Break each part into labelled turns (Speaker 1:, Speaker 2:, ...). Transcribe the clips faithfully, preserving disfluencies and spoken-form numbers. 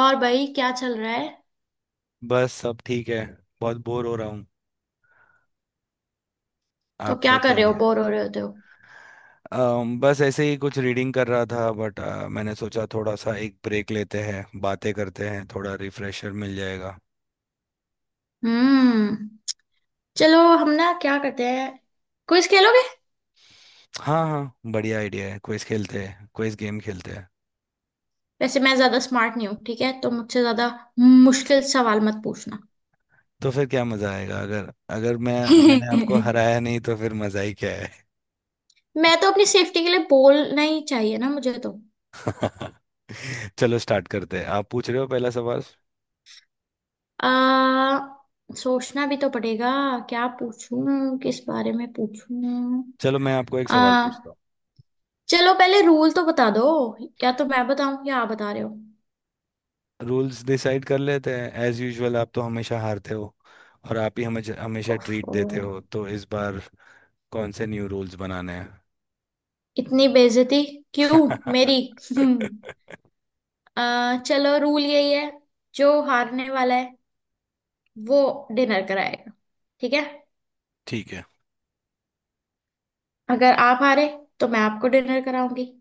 Speaker 1: और भाई क्या चल रहा है।
Speaker 2: बस सब ठीक है। बहुत बोर हो रहा हूँ।
Speaker 1: तो
Speaker 2: आप
Speaker 1: क्या कर रहे हो,
Speaker 2: बताइए।
Speaker 1: बोर हो रहे होते हो।
Speaker 2: अम, बस ऐसे ही कुछ रीडिंग कर रहा था बट मैंने सोचा थोड़ा सा एक ब्रेक लेते हैं, बातें करते हैं, थोड़ा रिफ्रेशर मिल जाएगा।
Speaker 1: हम्म। चलो हम ना क्या करते हैं, क्विज खेलोगे।
Speaker 2: हाँ हाँ, बढ़िया आइडिया है, क्विज खेलते हैं, क्विज गेम खेलते हैं।
Speaker 1: वैसे मैं ज्यादा स्मार्ट नहीं हूँ, ठीक है, तो मुझसे ज्यादा मुश्किल सवाल मत पूछना।
Speaker 2: तो फिर क्या मजा आएगा, अगर अगर मैं, मैंने आपको हराया नहीं तो फिर मजा ही क्या है।
Speaker 1: मैं तो अपनी सेफ्टी के लिए बोलना ही चाहिए ना मुझे तो।
Speaker 2: चलो स्टार्ट करते हैं, आप पूछ रहे हो पहला सवाल।
Speaker 1: आ, सोचना भी तो पड़ेगा। क्या पूछूं, किस बारे में पूछूं।
Speaker 2: चलो मैं आपको एक
Speaker 1: आ,
Speaker 2: सवाल पूछता हूँ।
Speaker 1: चलो पहले रूल तो बता दो। या तो मैं बताऊं या आप बता रहे हो।
Speaker 2: रूल्स डिसाइड कर लेते हैं, एज यूजुअल आप तो हमेशा हारते हो और आप ही हमें हमेशा ट्रीट
Speaker 1: ओफो,
Speaker 2: देते हो, तो इस बार कौन से न्यू रूल्स बनाने हैं।
Speaker 1: इतनी बेइज्जती क्यों मेरी। हम्म। आ, चलो रूल यही है, जो हारने वाला है वो डिनर कराएगा। ठीक है।
Speaker 2: ठीक है।
Speaker 1: अगर आप हारे तो मैं आपको डिनर कराऊंगी।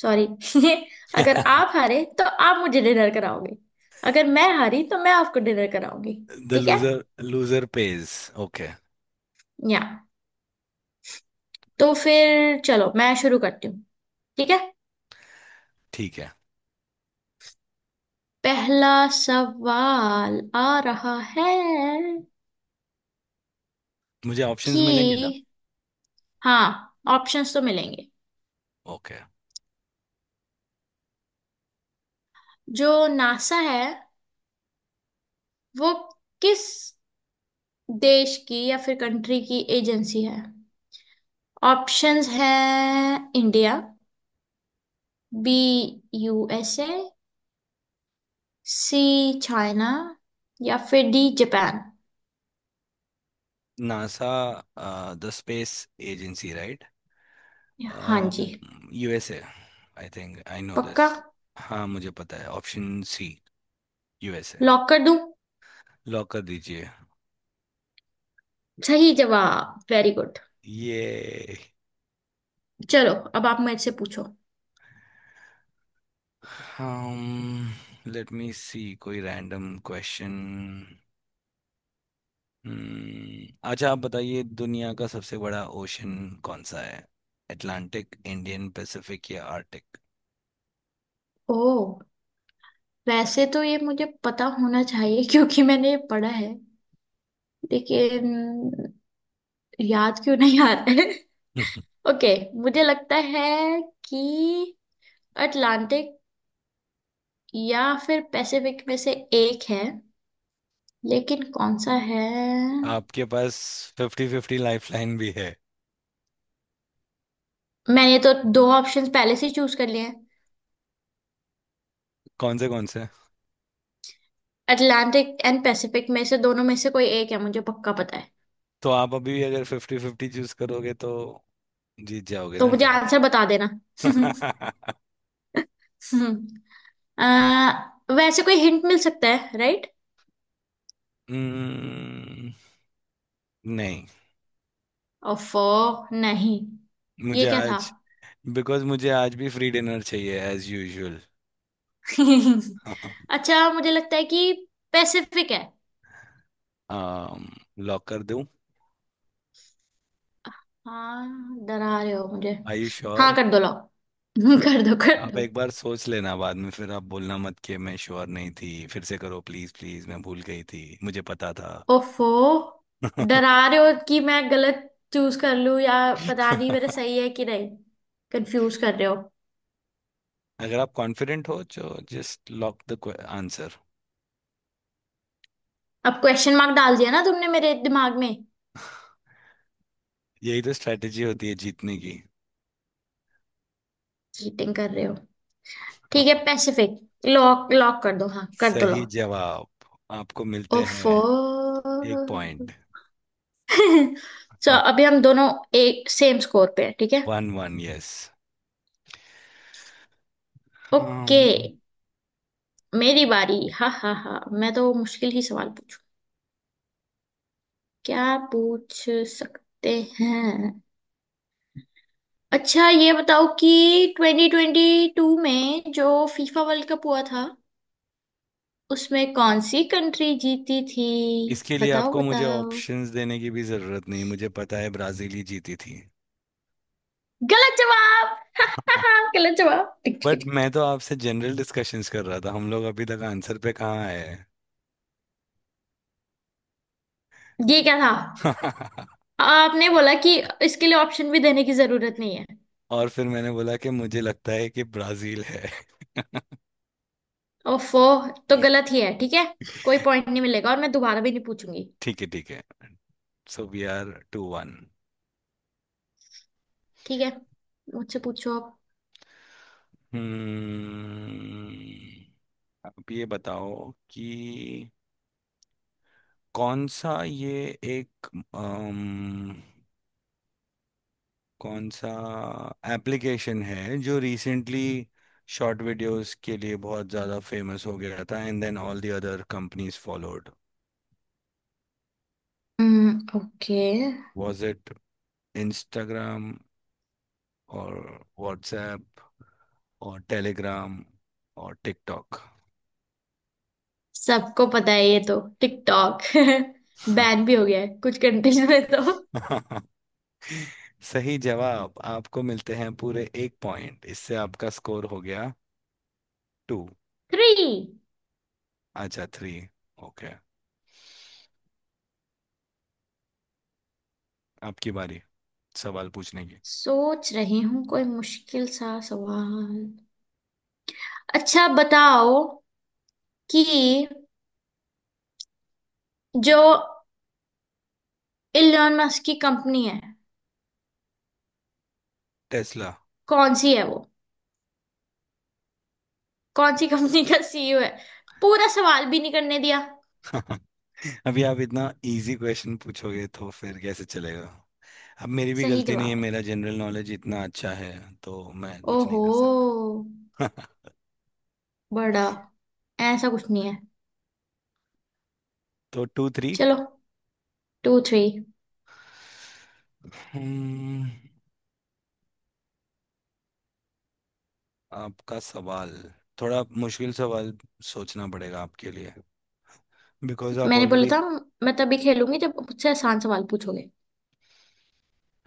Speaker 1: सॉरी। अगर आप हारे तो आप मुझे डिनर कराओगे। अगर मैं हारी तो मैं आपको डिनर कराऊंगी।
Speaker 2: द
Speaker 1: ठीक है।
Speaker 2: Loser loser pays. ओके।
Speaker 1: या तो फिर चलो मैं शुरू करती हूँ। ठीक है।
Speaker 2: ठीक है।
Speaker 1: पहला सवाल आ रहा है
Speaker 2: मुझे ऑप्शंस मिलेंगे ना?
Speaker 1: कि। हाँ, ऑप्शंस तो मिलेंगे।
Speaker 2: ओके।
Speaker 1: जो नासा है वो किस देश की या फिर कंट्री की एजेंसी है। ऑप्शंस है India, B USA, C China, या फिर D Japan.
Speaker 2: NASA the space agency, right.
Speaker 1: हाँ जी।
Speaker 2: U S A. I think I know this.
Speaker 1: पक्का।
Speaker 2: हाँ मुझे पता है, option C, U S A.
Speaker 1: Lock कर दूं।
Speaker 2: लॉक कर दीजिए।
Speaker 1: सही जवाब, वेरी गुड।
Speaker 2: ये।
Speaker 1: चलो अब आप मेरे से पूछो।
Speaker 2: um लेट मी सी, कोई रैंडम क्वेश्चन। अच्छा आप बताइए, दुनिया का सबसे बड़ा ओशन कौन सा है? अटलांटिक, इंडियन, पैसिफिक या आर्टिक?
Speaker 1: ओह, वैसे तो ये मुझे पता होना चाहिए। क्योंकि मैंने ये पढ़ा है, लेकिन याद क्यों नहीं आ रहा है। ओके, मुझे लगता है कि अटलांटिक या फिर पैसिफिक में से एक है, लेकिन कौन सा है।
Speaker 2: आपके पास फिफ्टी फिफ्टी लाइफलाइन भी है।
Speaker 1: मैंने तो दो ऑप्शंस पहले से चूज कर लिए हैं।
Speaker 2: कौन से कौन से?
Speaker 1: अटलांटिक एंड पैसिफिक में से, दोनों में से कोई एक है मुझे पक्का पता है।
Speaker 2: तो आप अभी भी अगर फिफ्टी फिफ्टी चूज करोगे तो जीत जाओगे
Speaker 1: तो
Speaker 2: ना
Speaker 1: मुझे
Speaker 2: डायरेक्ट?
Speaker 1: आंसर बता देना। अह, वैसे कोई हिंट मिल सकता है, राइट।
Speaker 2: हम्म, नहीं।
Speaker 1: ओफो। नहीं। ये
Speaker 2: मुझे
Speaker 1: क्या था।
Speaker 2: आज, बिकॉज मुझे आज भी फ्री डिनर चाहिए एज यूजुअल।
Speaker 1: अच्छा मुझे लगता है कि पैसिफिक है।
Speaker 2: लॉक कर दूं?
Speaker 1: हाँ, डरा रहे हो मुझे।
Speaker 2: आर यू
Speaker 1: हाँ
Speaker 2: श्योर?
Speaker 1: कर दो, लाओ। कर दो कर
Speaker 2: आप
Speaker 1: दो।
Speaker 2: एक बार सोच लेना, बाद में फिर आप बोलना मत कि मैं श्योर नहीं थी, फिर से करो प्लीज प्लीज, मैं भूल गई थी, मुझे पता था।
Speaker 1: ओफो, डरा रहे हो कि मैं गलत चूज कर लूं। या पता नहीं मेरा सही है कि नहीं, कंफ्यूज कर रहे हो।
Speaker 2: अगर आप कॉन्फिडेंट हो तो जस्ट लॉक द आंसर।
Speaker 1: अब क्वेश्चन मार्क डाल दिया ना तुमने मेरे दिमाग में।
Speaker 2: यही तो स्ट्रेटेजी होती है जीतने की।
Speaker 1: चीटिंग कर रहे हो। ठीक है, पैसिफिक। लॉक लॉक कर दो, हाँ कर दो
Speaker 2: सही
Speaker 1: लॉक।
Speaker 2: जवाब। आपको मिलते
Speaker 1: ओफो।
Speaker 2: हैं एक पॉइंट।
Speaker 1: सो अभी हम दोनों एक सेम स्कोर पे हैं, ठीक है।
Speaker 2: One one, yes.
Speaker 1: Okay,
Speaker 2: um,
Speaker 1: मेरी बारी। हा हा हा, मैं तो मुश्किल ही सवाल पूछ, क्या पूछ सकते हैं। अच्छा ये बताओ कि ट्वेंटी ट्वेंटी टू में जो फीफा वर्ल्ड कप हुआ था उसमें कौन सी कंट्री जीती थी।
Speaker 2: इसके लिए
Speaker 1: बताओ
Speaker 2: आपको मुझे
Speaker 1: बताओ।
Speaker 2: ऑप्शंस देने की भी जरूरत नहीं, मुझे पता है ब्राजील ही जीती थी।
Speaker 1: गलत जवाब। गलत जवाब, टिक टिक
Speaker 2: बट
Speaker 1: टिक।
Speaker 2: मैं तो आपसे जनरल डिस्कशंस कर रहा था, हम लोग अभी तक आंसर पे कहाँ आए?
Speaker 1: ये क्या था।
Speaker 2: हैं।
Speaker 1: आपने बोला कि इसके लिए ऑप्शन भी देने की जरूरत नहीं है।
Speaker 2: और फिर मैंने बोला कि मुझे लगता है कि ब्राजील है।
Speaker 1: ओफो, तो गलत ही है, ठीक है, कोई पॉइंट नहीं मिलेगा और मैं दोबारा भी नहीं पूछूंगी।
Speaker 2: ठीक है ठीक है। So we are two one.
Speaker 1: ठीक है, मुझसे पूछो आप।
Speaker 2: हम्म। अब ये बताओ कि कौन सा ये एक, अम, कौन सा एप्लीकेशन है जो रिसेंटली शॉर्ट वीडियोस के लिए बहुत ज़्यादा फेमस हो गया था, and then all the other companies followed.
Speaker 1: Okay.
Speaker 2: Was it Instagram और व्हाट्सएप और टेलीग्राम और टिकटॉक?
Speaker 1: सबको पता है, ये तो टिकटॉक।
Speaker 2: हाँ।
Speaker 1: बैन भी हो गया है कुछ कंट्रीज में तो।
Speaker 2: सही जवाब। आपको मिलते हैं पूरे एक पॉइंट। इससे आपका स्कोर हो गया टू।
Speaker 1: थ्री।
Speaker 2: अच्छा थ्री। ओके। आपकी बारी सवाल पूछने की।
Speaker 1: सोच रही हूँ कोई मुश्किल सा सवाल। अच्छा बताओ कि जो इलोन मस्क की कंपनी है,
Speaker 2: टेस्ला।
Speaker 1: कौन सी है वो, कौन सी कंपनी का सीईओ है। पूरा सवाल भी नहीं करने दिया।
Speaker 2: अभी आप इतना इजी क्वेश्चन पूछोगे तो फिर कैसे चलेगा। अब मेरी भी
Speaker 1: सही
Speaker 2: गलती नहीं है,
Speaker 1: जवाब है।
Speaker 2: मेरा जनरल नॉलेज इतना अच्छा है तो मैं कुछ नहीं
Speaker 1: ओहो,
Speaker 2: कर सकता।
Speaker 1: बड़ा, ऐसा कुछ नहीं है।
Speaker 2: तो टू थ्री।
Speaker 1: चलो टू थ्री।
Speaker 2: आपका सवाल। थोड़ा मुश्किल सवाल, सोचना पड़ेगा आपके लिए, बिकॉज आप
Speaker 1: मैंने बोला
Speaker 2: ऑलरेडी।
Speaker 1: था मैं तभी खेलूंगी जब मुझसे आसान सवाल पूछोगे।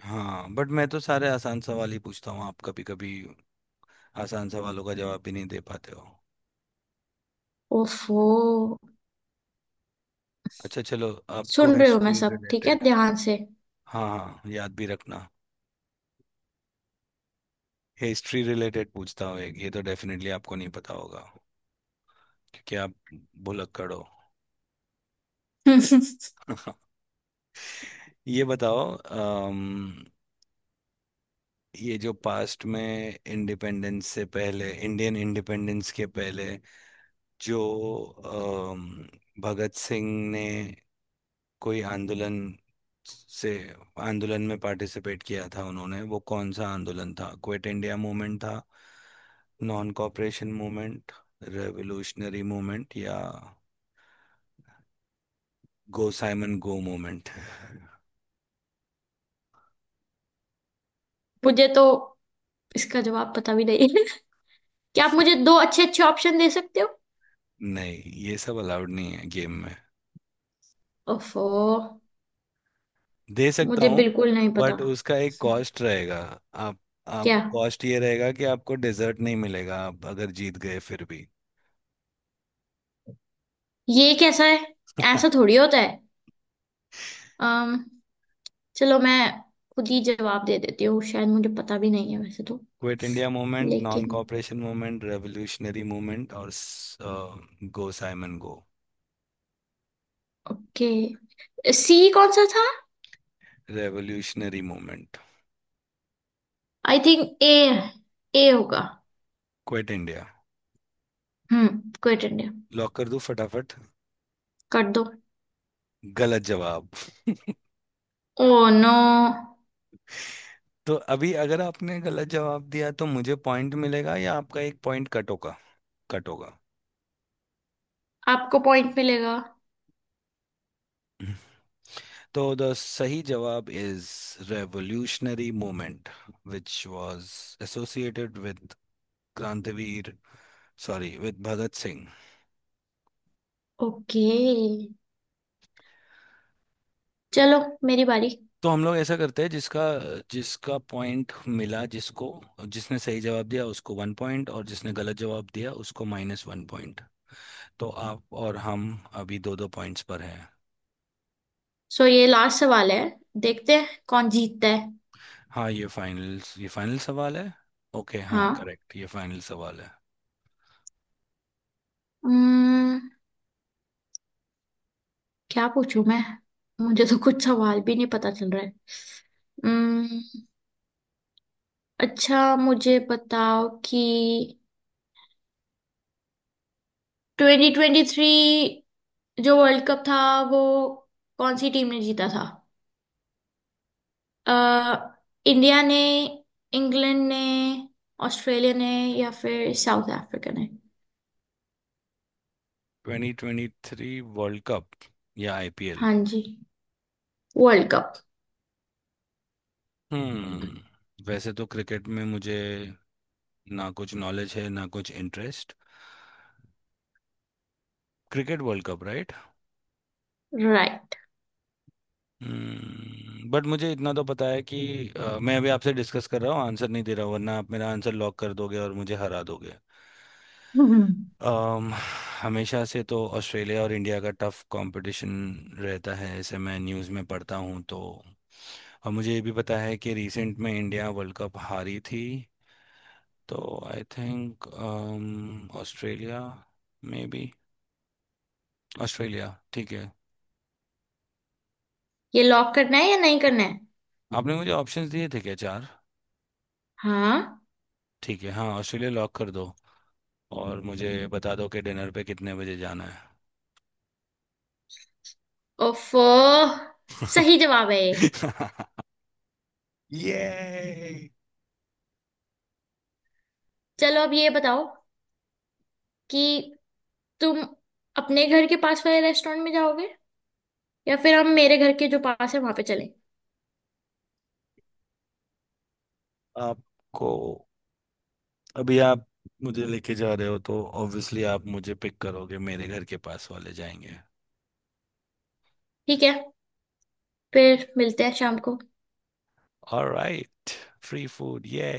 Speaker 2: हाँ बट मैं तो सारे आसान सवाल ही पूछता हूँ, आप कभी कभी आसान सवालों का जवाब भी नहीं दे पाते हो।
Speaker 1: ओफो।
Speaker 2: अच्छा चलो, आपको
Speaker 1: सुन रहे हो, मैं
Speaker 2: हिस्ट्री
Speaker 1: सब ठीक है
Speaker 2: रिलेटेड।
Speaker 1: ध्यान से।
Speaker 2: हाँ हाँ, याद भी रखना। हिस्ट्री रिलेटेड पूछता हूँ एक, ये तो डेफिनेटली आपको नहीं पता होगा क्योंकि आप भुलक्कड़ हो। ये बताओ, अम, ये जो पास्ट में इंडिपेंडेंस से पहले, इंडियन इंडिपेंडेंस के पहले, जो अम, भगत सिंह ने कोई आंदोलन से आंदोलन में पार्टिसिपेट किया था, उन्होंने वो कौन सा आंदोलन था? क्विट इंडिया मूवमेंट था, non cooperation movement, revolutionary movement या गो साइमन गो मूवमेंट।
Speaker 1: मुझे तो इसका जवाब पता भी नहीं है। क्या आप मुझे दो अच्छे अच्छे ऑप्शन दे सकते हो।
Speaker 2: नहीं, ये सब अलाउड नहीं है गेम में।
Speaker 1: ओफो,
Speaker 2: दे सकता
Speaker 1: मुझे
Speaker 2: हूँ
Speaker 1: बिल्कुल नहीं पता।
Speaker 2: बट उसका एक कॉस्ट रहेगा। आप आप
Speaker 1: क्या,
Speaker 2: कॉस्ट ये रहेगा कि आपको डिजर्ट नहीं मिलेगा, आप अगर जीत गए फिर भी।
Speaker 1: ये कैसा है, ऐसा थोड़ी होता है। अम चलो मैं खुद ही जवाब दे देती हूँ, शायद मुझे पता भी नहीं है वैसे तो।
Speaker 2: क्विट इंडिया मूवमेंट, नॉन
Speaker 1: लेकिन
Speaker 2: कॉपरेशन मूवमेंट, रेवोल्यूशनरी मूवमेंट और go Simon go.
Speaker 1: Okay, C कौन सा था।
Speaker 2: Revolutionary movement.
Speaker 1: I think A, A होगा।
Speaker 2: Quit India.
Speaker 1: हम्म, क्विट इंडिया।
Speaker 2: लॉक कर दूं फटाफट?
Speaker 1: कर दो।
Speaker 2: गलत जवाब।
Speaker 1: Oh no.
Speaker 2: तो अभी अगर आपने गलत जवाब दिया तो मुझे पॉइंट मिलेगा या आपका एक पॉइंट कट होगा? कट होगा।
Speaker 1: आपको पॉइंट मिलेगा।
Speaker 2: तो द सही जवाब is revolutionary movement, which was associated with क्रांतिवीर, sorry with Bhagat Singh.
Speaker 1: Okay, चलो मेरी बारी।
Speaker 2: तो हम लोग ऐसा करते हैं, जिसका जिसका पॉइंट मिला, जिसको जिसने सही जवाब दिया उसको वन पॉइंट और जिसने गलत जवाब दिया उसको माइनस वन पॉइंट। तो आप और हम अभी दो दो पॉइंट्स पर हैं।
Speaker 1: सो ये लास्ट सवाल है, देखते हैं कौन जीतता है।
Speaker 2: हाँ, ये फाइनल ये फाइनल सवाल है। ओके, हाँ
Speaker 1: हाँ।
Speaker 2: करेक्ट, ये फाइनल सवाल है।
Speaker 1: हम्म, क्या पूछूं मैं, मुझे तो कुछ सवाल भी नहीं पता चल रहा है। हम्म। अच्छा मुझे बताओ कि ट्वेंटी ट्वेंटी थ्री जो वर्ल्ड कप था वो कौन सी टीम ने जीता था। अ, इंडिया ने, इंग्लैंड ने, ऑस्ट्रेलिया ने, या फिर साउथ अफ्रीका ने।
Speaker 2: Twenty twenty three world Cup या आई पी एल?
Speaker 1: हाँ जी, वर्ल्ड कप।
Speaker 2: हम्म वैसे तो क्रिकेट में मुझे ना कुछ नॉलेज है ना कुछ interest. Cricket World Cup.
Speaker 1: Right.
Speaker 2: हम्म बट मुझे इतना तो पता है कि अ, मैं अभी आपसे डिस्कस कर रहा हूँ, आंसर नहीं दे रहा हूँ, वरना आप मेरा आंसर लॉक कर दोगे और मुझे हरा दोगे। अम, हमेशा से तो ऑस्ट्रेलिया और इंडिया का टफ कंपटीशन रहता है ऐसे, मैं न्यूज़ में पढ़ता हूँ तो। और मुझे ये भी पता है कि रिसेंट में इंडिया वर्ल्ड कप हारी थी, तो I think Australia, maybe Australia, ठीक है।
Speaker 1: ये लॉक करना है या नहीं करना है।
Speaker 2: आपने मुझे ऑप्शंस दिए थे क्या, चार?
Speaker 1: हाँ।
Speaker 2: ठीक है, हाँ ऑस्ट्रेलिया लॉक कर दो और मुझे बता दो कि डिनर पे कितने बजे जाना है।
Speaker 1: ओफ, सही जवाब है ये।
Speaker 2: ये।
Speaker 1: चलो अब ये बताओ कि तुम अपने घर के पास वाले रेस्टोरेंट में जाओगे, या फिर हम मेरे घर के जो पास है वहां पे चलें।
Speaker 2: आपको, अभी आप मुझे लेके जा रहे हो तो ऑब्वियसली आप मुझे पिक करोगे, मेरे घर के पास वाले जाएंगे।
Speaker 1: ठीक है, फिर मिलते हैं शाम को।
Speaker 2: ऑलराइट। Free food. ये।